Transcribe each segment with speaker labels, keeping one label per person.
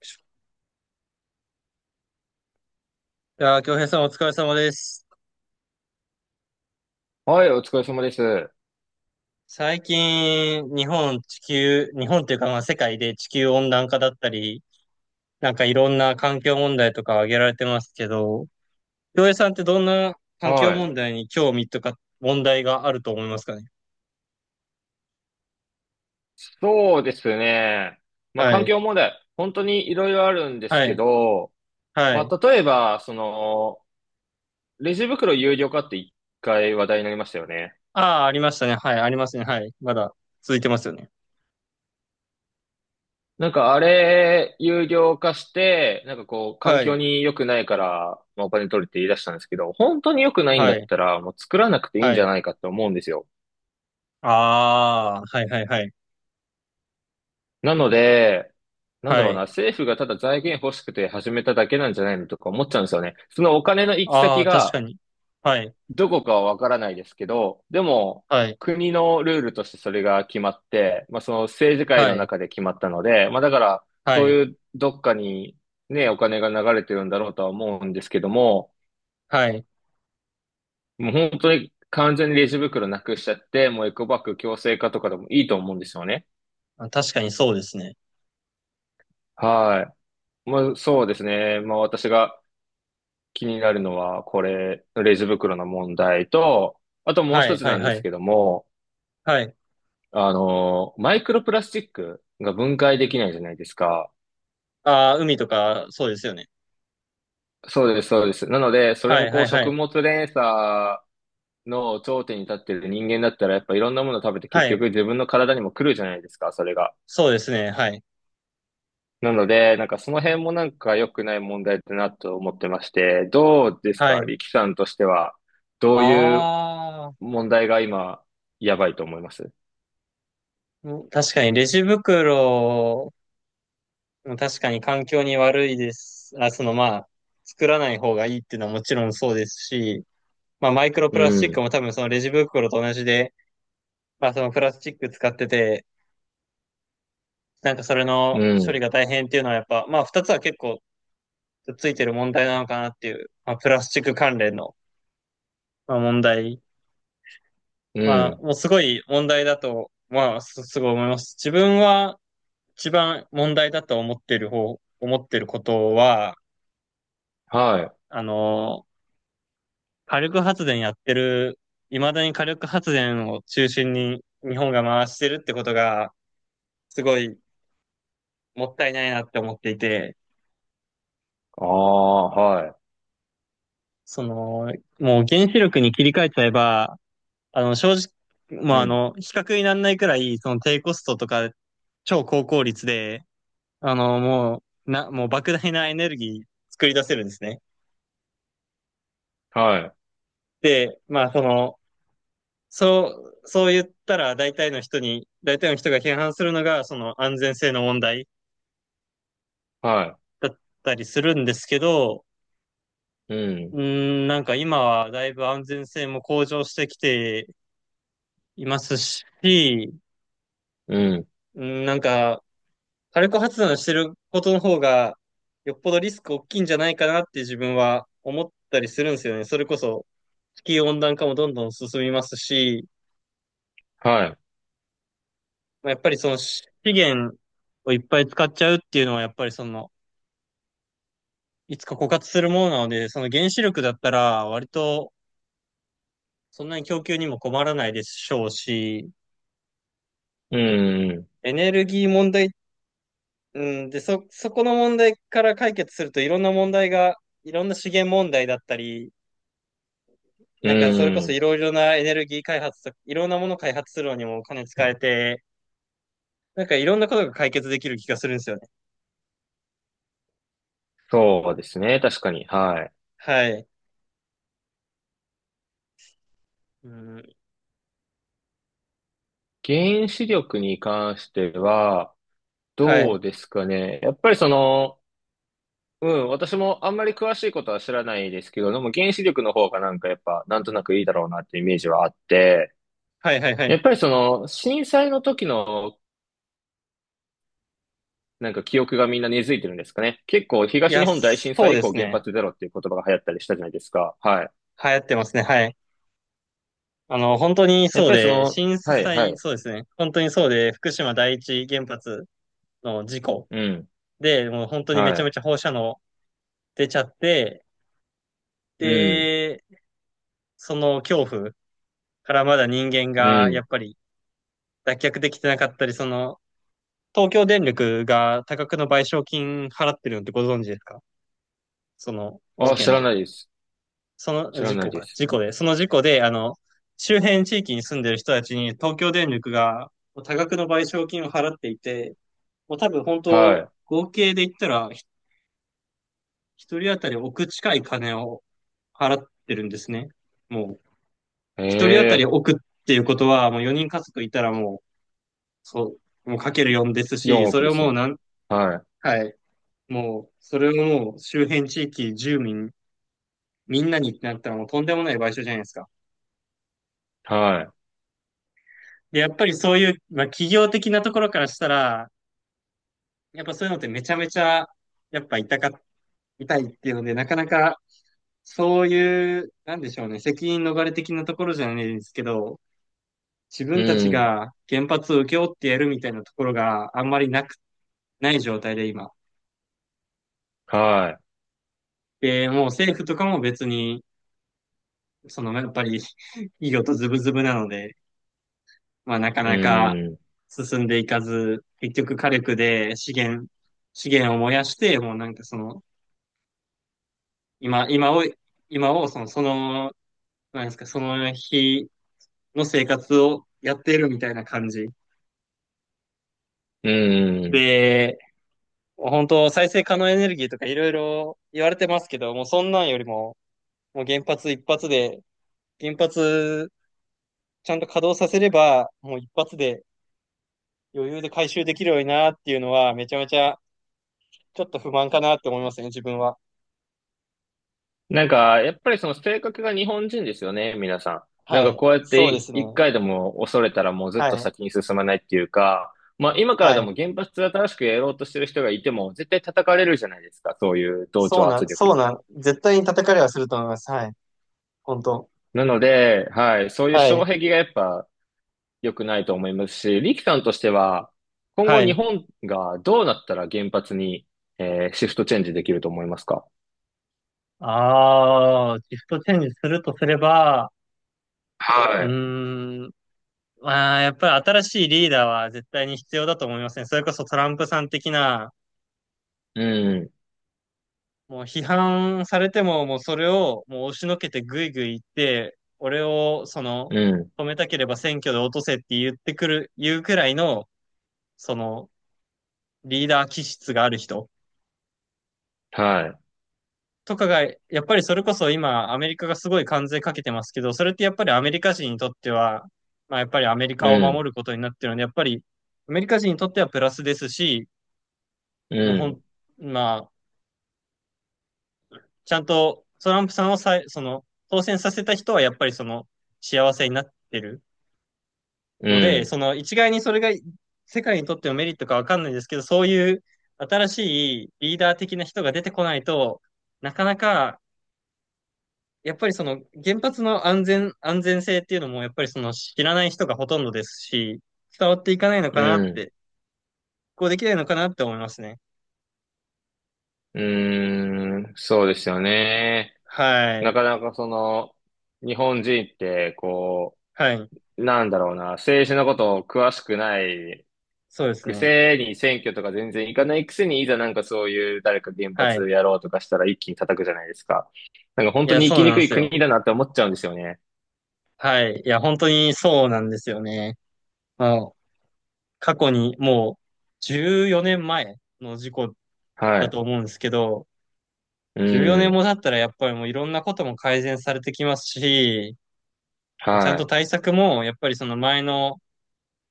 Speaker 1: いやー、京平さんお疲れ様です。
Speaker 2: はい、お疲れ様です。
Speaker 1: 最近、日本、地球、日本っていうか、まあ、世界で地球温暖化だったり、なんかいろんな環境問題とか挙げられてますけど、京平さんってどんな環境
Speaker 2: はい。
Speaker 1: 問題に興味とか問題があると思いますかね。
Speaker 2: そうですね。まあ、
Speaker 1: は
Speaker 2: 環
Speaker 1: い。
Speaker 2: 境問題、本当にいろいろあるんです
Speaker 1: は
Speaker 2: け
Speaker 1: い。
Speaker 2: ど、
Speaker 1: は
Speaker 2: ま
Speaker 1: い。
Speaker 2: あ、例えば、レジ袋有料化って一回話題になりましたよね。
Speaker 1: ああ、ありましたね。はい。ありますね。はい。まだ続いてますよね。
Speaker 2: なんかあれ、有料化して、環
Speaker 1: は
Speaker 2: 境
Speaker 1: い。
Speaker 2: に良くないから、まあ、お金取るって言い出したんですけど、本当に良くないんだ
Speaker 1: は
Speaker 2: っ
Speaker 1: い。
Speaker 2: たら、もう作らなくていい
Speaker 1: は
Speaker 2: んじゃ
Speaker 1: い。
Speaker 2: ないかって思うんですよ。
Speaker 1: ああ、はいはいはい。
Speaker 2: なので、なんだ
Speaker 1: は
Speaker 2: ろうな、
Speaker 1: い。
Speaker 2: 政府がただ財源欲しくて始めただけなんじゃないのとか思っちゃうんですよね。そのお金の行き
Speaker 1: あ
Speaker 2: 先
Speaker 1: あ、確か
Speaker 2: が
Speaker 1: に。はい。
Speaker 2: どこかはわからないですけど、でも
Speaker 1: はい。
Speaker 2: 国のルールとしてそれが決まって、まあその政治界
Speaker 1: は
Speaker 2: の
Speaker 1: い。
Speaker 2: 中で決まったので、まあだから
Speaker 1: は
Speaker 2: そう
Speaker 1: い。
Speaker 2: いうどっかにね、お金が流れてるんだろうとは思うんですけども、
Speaker 1: はい。
Speaker 2: もう本当に完全にレジ袋なくしちゃって、もうエコバッグ強制化とかでもいいと思うんですよね。
Speaker 1: あ、確かにそうですね。
Speaker 2: はい。まあそうですね。まあ私が気になるのは、これ、レジ袋の問題と、あともう
Speaker 1: は
Speaker 2: 一
Speaker 1: い、
Speaker 2: つ
Speaker 1: はい、
Speaker 2: なんで
Speaker 1: は
Speaker 2: す
Speaker 1: い。
Speaker 2: けども、
Speaker 1: はい。
Speaker 2: マイクロプラスチックが分解できないじゃないですか。
Speaker 1: ああ、海とか、そうですよね。
Speaker 2: そうです、そうです。なので、それ
Speaker 1: は
Speaker 2: も
Speaker 1: い、
Speaker 2: こ
Speaker 1: は
Speaker 2: う、
Speaker 1: い、は
Speaker 2: 食
Speaker 1: い。
Speaker 2: 物連鎖の頂点に立ってる人間だったら、やっぱいろんなもの食べて
Speaker 1: は
Speaker 2: 結局
Speaker 1: い。
Speaker 2: 自分の体にも来るじゃないですか、それが。
Speaker 1: そうですね。はい。
Speaker 2: なので、なんかその辺もなんか良くない問題だなと思ってまして、どうです
Speaker 1: は
Speaker 2: か、
Speaker 1: い。
Speaker 2: 力さんとしては、どういう
Speaker 1: ああ、
Speaker 2: 問題が今、やばいと思います？
Speaker 1: ん、確かにレジ袋も確かに環境に悪いです。あ、そのまあ、作らない方がいいっていうのはもちろんそうですし、まあマイクロ
Speaker 2: う
Speaker 1: プラスチッ
Speaker 2: ん、
Speaker 1: クも多分そのレジ袋と同じで、まあそのプラスチック使ってて、なんかそれ
Speaker 2: う
Speaker 1: の処理
Speaker 2: ん、
Speaker 1: が大変っていうのはやっぱ、まあ二つは結構ついてる問題なのかなっていう、まあプラスチック関連のまあ、問題。
Speaker 2: う
Speaker 1: まあ、
Speaker 2: ん、
Speaker 1: もうすごい問題だと、まあ、すごい思います。自分は一番問題だと思ってる方、思ってることは、
Speaker 2: はい。
Speaker 1: あの、火力発電やってる、未だに火力発電を中心に日本が回してるってことが、すごいもったいないなって思っていて、
Speaker 2: ああ、は
Speaker 1: その、もう原子力に切り替えちゃえば、正直、ま
Speaker 2: い。
Speaker 1: あ、
Speaker 2: うん、
Speaker 1: 比較にならないくらい、その低コストとか、超高効率で、もう莫大なエネルギー作り出せるんですね。
Speaker 2: はい、
Speaker 1: で、まあ、その、そそう言ったら大体の人に、大体の人が批判するのが、その安全性の問題
Speaker 2: は
Speaker 1: だったりするんですけど、
Speaker 2: い。うん、
Speaker 1: うーん、なんか今はだいぶ安全性も向上してきていますし、
Speaker 2: うん、
Speaker 1: うん、なんか火力発電してることの方が、よっぽどリスク大きいんじゃないかなって自分は思ったりするんですよね。それこそ、地球温暖化もどんどん進みますし、
Speaker 2: はい。
Speaker 1: まあ、やっぱりその資源をいっぱい使っちゃうっていうのは、やっぱりその、いつか枯渇するものなので、その原子力だったら、割とそんなに供給にも困らないでしょうし、
Speaker 2: うん、
Speaker 1: エネルギー問題、うん、で、そこの問題から解決するといろんな問題が、いろんな資源問題だったり、
Speaker 2: う
Speaker 1: なんかそれこ
Speaker 2: ん、う
Speaker 1: そ
Speaker 2: ん。
Speaker 1: いろいろなエネルギー開発といろんなもの開発するのにもお金使えて、なんかいろんなことが解決できる気がするんですよね。
Speaker 2: そうですね。確かに。はい。
Speaker 1: はい。うん、
Speaker 2: 原子力に関しては、
Speaker 1: は
Speaker 2: ど
Speaker 1: い。
Speaker 2: うですかね。やっぱりその、うん、私もあんまり詳しいことは知らないですけど、でも原子力の方がなんかやっぱ、なんとなくいいだろうなっていうイメージはあって、
Speaker 1: はいはいは
Speaker 2: やっ
Speaker 1: い。
Speaker 2: ぱりその、震災の時のなんか記憶がみんな根付いてるんですかね。結構
Speaker 1: い
Speaker 2: 東日
Speaker 1: や、
Speaker 2: 本大震
Speaker 1: そう
Speaker 2: 災以
Speaker 1: で
Speaker 2: 降
Speaker 1: す
Speaker 2: 原
Speaker 1: ね。
Speaker 2: 発ゼロっていう言葉が流行ったりしたじゃないですか。はい。
Speaker 1: 流行ってますね。はい。本当に
Speaker 2: やっ
Speaker 1: そう
Speaker 2: ぱりそ
Speaker 1: で、
Speaker 2: の、
Speaker 1: 震
Speaker 2: はい、は
Speaker 1: 災、
Speaker 2: い。
Speaker 1: そうですね。本当にそうで、福島第一原発の事故
Speaker 2: うん。
Speaker 1: で、もう本当にめ
Speaker 2: は
Speaker 1: ちゃ
Speaker 2: い。
Speaker 1: めちゃ放射能出ちゃって、
Speaker 2: うん。
Speaker 1: で、その恐怖からまだ人間
Speaker 2: う
Speaker 1: がやっ
Speaker 2: ん。
Speaker 1: ぱり脱却できてなかったり、その東京電力が多額の賠償金払ってるのってご存知ですか、その事
Speaker 2: あ、知
Speaker 1: 件
Speaker 2: ら
Speaker 1: で。
Speaker 2: ないです。
Speaker 1: その
Speaker 2: 知ら
Speaker 1: 事
Speaker 2: ない
Speaker 1: 故
Speaker 2: で
Speaker 1: か。
Speaker 2: す。
Speaker 1: 事故で。その事故で、周辺地域に住んでる人たちに東京電力が多額の賠償金を払っていて、もう多分本当、
Speaker 2: は
Speaker 1: 合計で言ったら、一人当たり億近い金を払ってるんですね。もう、
Speaker 2: い。え
Speaker 1: 一人当たり
Speaker 2: え、
Speaker 1: 億っていうことは、もう4人家族いたらもう、そう、もうかける4です
Speaker 2: 4
Speaker 1: し、そ
Speaker 2: 億
Speaker 1: れ
Speaker 2: で
Speaker 1: を
Speaker 2: す
Speaker 1: もう
Speaker 2: ね。
Speaker 1: なん、
Speaker 2: はい。
Speaker 1: はい。もう、それをもう周辺地域、住民、みんなにってなったらもうとんでもない賠償じゃないですか。
Speaker 2: は
Speaker 1: で、やっぱりそういう、まあ、企業的なところからしたら、やっぱそういうのってめちゃめちゃ、やっぱ痛か、痛いっていうので、なかなか、そういう、なんでしょうね、責任逃れ的なところじゃないですけど、自
Speaker 2: い。
Speaker 1: 分たち
Speaker 2: うん。
Speaker 1: が原発を請け負ってやるみたいなところがあんまりなく、ない状態で今。
Speaker 2: は
Speaker 1: で、もう政府とかも別に、その、やっぱり、企業とズブズブなので、まあ、なか
Speaker 2: い。う
Speaker 1: なか
Speaker 2: ん。
Speaker 1: 進んでいかず、結局火力で資源、資源を燃やして、もうなんかその、今、今を、今をその、その、なんですか、その日の生活をやっているみたいな感じ。
Speaker 2: うん。
Speaker 1: で、本当再生可能エネルギーとかいろいろ言われてますけど、もうそんなんよりも、もう原発一発で、原発ちゃんと稼働させれば、もう一発で余裕で回収できるようになっていうのは、めちゃめちゃちょっと不満かなって思いますね、自分は。
Speaker 2: なんか、やっぱりその性格が日本人ですよね、皆さん。なん
Speaker 1: は
Speaker 2: か
Speaker 1: い。
Speaker 2: こうやっ
Speaker 1: そ
Speaker 2: て
Speaker 1: うで
Speaker 2: い
Speaker 1: すね。
Speaker 2: 一
Speaker 1: は
Speaker 2: 回でも恐れたらもうずっと
Speaker 1: い。
Speaker 2: 先に進まないっていうか、まあ今か
Speaker 1: は
Speaker 2: らで
Speaker 1: い。
Speaker 2: も原発で新しくやろうとしてる人がいても絶対叩かれるじゃないですか、そういう同
Speaker 1: そ
Speaker 2: 調
Speaker 1: うな
Speaker 2: 圧
Speaker 1: ん、
Speaker 2: 力
Speaker 1: そう
Speaker 2: に。
Speaker 1: なん、絶対に叩かれはすると思います。はい。本当。
Speaker 2: なので、はい、そういう
Speaker 1: はい。
Speaker 2: 障壁がやっぱ良くないと思いますし、リキさんとしては今後
Speaker 1: は
Speaker 2: 日
Speaker 1: い。
Speaker 2: 本がどうなったら原発に、シフトチェンジできると思いますか？
Speaker 1: ああ、シフトチェンジするとすれば、う
Speaker 2: はい。
Speaker 1: ーん、まあ、やっぱり新しいリーダーは絶対に必要だと思いますね。それこそトランプさん的な、
Speaker 2: うん、
Speaker 1: もう批判されても、もうそれをもう押しのけてぐいぐい言って、俺をその、
Speaker 2: うん、
Speaker 1: 止めたければ選挙で落とせって言ってくる、言うくらいの、その、リーダー気質がある人。
Speaker 2: はい。
Speaker 1: とかが、やっぱりそれこそ今、アメリカがすごい関税かけてますけど、それってやっぱりアメリカ人にとっては、まあやっぱりアメリ
Speaker 2: う
Speaker 1: カを守
Speaker 2: ん、
Speaker 1: ることになってるので、やっぱりアメリカ人にとってはプラスですし、
Speaker 2: う
Speaker 1: もうほ
Speaker 2: ん、
Speaker 1: ん、まあ、ちゃんとトランプさんをさい、その、当選させた人はやっぱりその、幸せになってる
Speaker 2: う
Speaker 1: ので、
Speaker 2: ん。
Speaker 1: その一概にそれが世界にとってのメリットかわかんないですけど、そういう新しいリーダー的な人が出てこないと、なかなかやっぱりその原発の安全、安全性っていうのもやっぱりその知らない人がほとんどですし、伝わっていかないの
Speaker 2: う
Speaker 1: かなっ
Speaker 2: ん。
Speaker 1: て、こうできないのかなって思いますね。
Speaker 2: うーん。そうですよね。
Speaker 1: は
Speaker 2: な
Speaker 1: い。
Speaker 2: かなかその、日本人って、こ
Speaker 1: はい。
Speaker 2: う、なんだろうな、政治のことを詳しくない、
Speaker 1: そうです
Speaker 2: く
Speaker 1: ね。
Speaker 2: せに選挙とか全然行かないくせに、いざなんかそういう誰か原
Speaker 1: はい。
Speaker 2: 発やろうとかしたら一気に叩くじゃないですか。なんか本
Speaker 1: い
Speaker 2: 当
Speaker 1: や、
Speaker 2: に生
Speaker 1: そ
Speaker 2: き
Speaker 1: う
Speaker 2: に
Speaker 1: なん
Speaker 2: く
Speaker 1: で
Speaker 2: い
Speaker 1: す
Speaker 2: 国
Speaker 1: よ。
Speaker 2: だなって思っちゃうんですよね。
Speaker 1: はい。いや、本当にそうなんですよね。まあ、過去にもう14年前の事故
Speaker 2: は
Speaker 1: だ
Speaker 2: い。
Speaker 1: と思うんですけど、
Speaker 2: う
Speaker 1: 14年
Speaker 2: ん。
Speaker 1: も経ったらやっぱりもういろんなことも改善されてきますし、ちゃんと
Speaker 2: は
Speaker 1: 対策もやっぱりその前の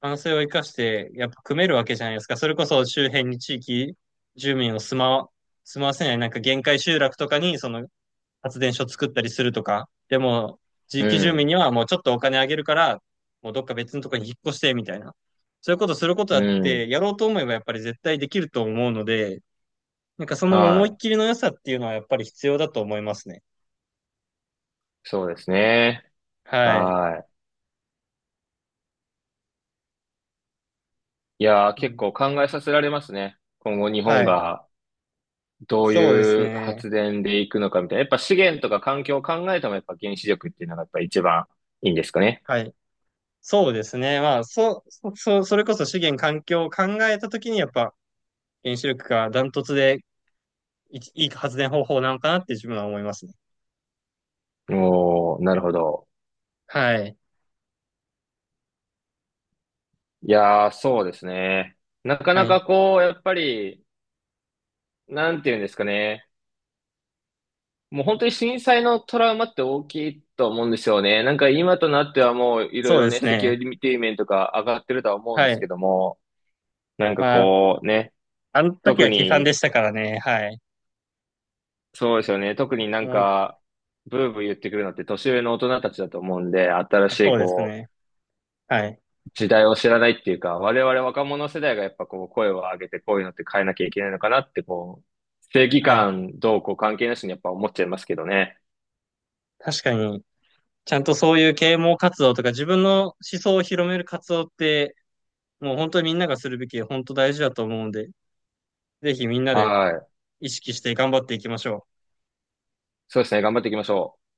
Speaker 1: 反省を生かして、やっぱ組めるわけじゃないですか。それこそ周辺に地域住民を住まわ、住まわせない、なんか限界集落とかにその発電所作ったりするとか。でも、地
Speaker 2: い。う
Speaker 1: 域住民
Speaker 2: ん。
Speaker 1: にはもうちょっとお金あげるから、もうどっか別のとこに引っ越して、みたいな。そういうことすること
Speaker 2: う
Speaker 1: だっ
Speaker 2: ん。
Speaker 1: て、やろうと思えばやっぱり絶対できると思うので、なんかその
Speaker 2: は
Speaker 1: 思いっ
Speaker 2: い。
Speaker 1: きりの良さっていうのはやっぱり必要だと思いますね。
Speaker 2: そうですね。
Speaker 1: はい。
Speaker 2: はい。いやー、
Speaker 1: う
Speaker 2: 結
Speaker 1: ん、
Speaker 2: 構考えさせられますね。今後日本
Speaker 1: はい。
Speaker 2: がどう
Speaker 1: そうです
Speaker 2: いう
Speaker 1: ね。
Speaker 2: 発電でいくのかみたいな。やっぱ資源とか環境を考えてもやっぱ原子力っていうのがやっぱ一番いいんですかね。
Speaker 1: はい。そうですね。まあ、それこそ資源環境を考えたときに、やっぱ原子力がダントツでい発電方法なのかなって自分は思いますね。
Speaker 2: おー、なるほど。
Speaker 1: はい。
Speaker 2: いやー、そうですね。なか
Speaker 1: は
Speaker 2: な
Speaker 1: い。
Speaker 2: かこう、やっぱり、なんていうんですかね。もう本当に震災のトラウマって大きいと思うんですよね。なんか今となってはもういろい
Speaker 1: そう
Speaker 2: ろ
Speaker 1: で
Speaker 2: ね、
Speaker 1: す
Speaker 2: セキュ
Speaker 1: ね。
Speaker 2: リティ面とか上がってるとは思うんで
Speaker 1: は
Speaker 2: すけ
Speaker 1: い。
Speaker 2: ども、なんか
Speaker 1: まあ、
Speaker 2: こうね、
Speaker 1: あの時
Speaker 2: 特
Speaker 1: は悲惨で
Speaker 2: に
Speaker 1: したからね。はい。
Speaker 2: そうですよね。特になん
Speaker 1: もうい、
Speaker 2: か、ブーブー言ってくるのって年上の大人たちだと思うんで、新
Speaker 1: あ、
Speaker 2: しい
Speaker 1: そうです
Speaker 2: こ
Speaker 1: ね。はい。
Speaker 2: う、時代を知らないっていうか、我々若者世代がやっぱこう、声を上げてこういうのって変えなきゃいけないのかなってこう、正義
Speaker 1: はい。
Speaker 2: 感どうこう関係なしにやっぱ思っちゃいますけどね。
Speaker 1: 確かに、ちゃんとそういう啓蒙活動とか自分の思想を広める活動って、もう本当にみんながするべき、本当大事だと思うんで、ぜひみんなで
Speaker 2: はい。
Speaker 1: 意識して頑張っていきましょう。
Speaker 2: そうですね。頑張っていきましょう。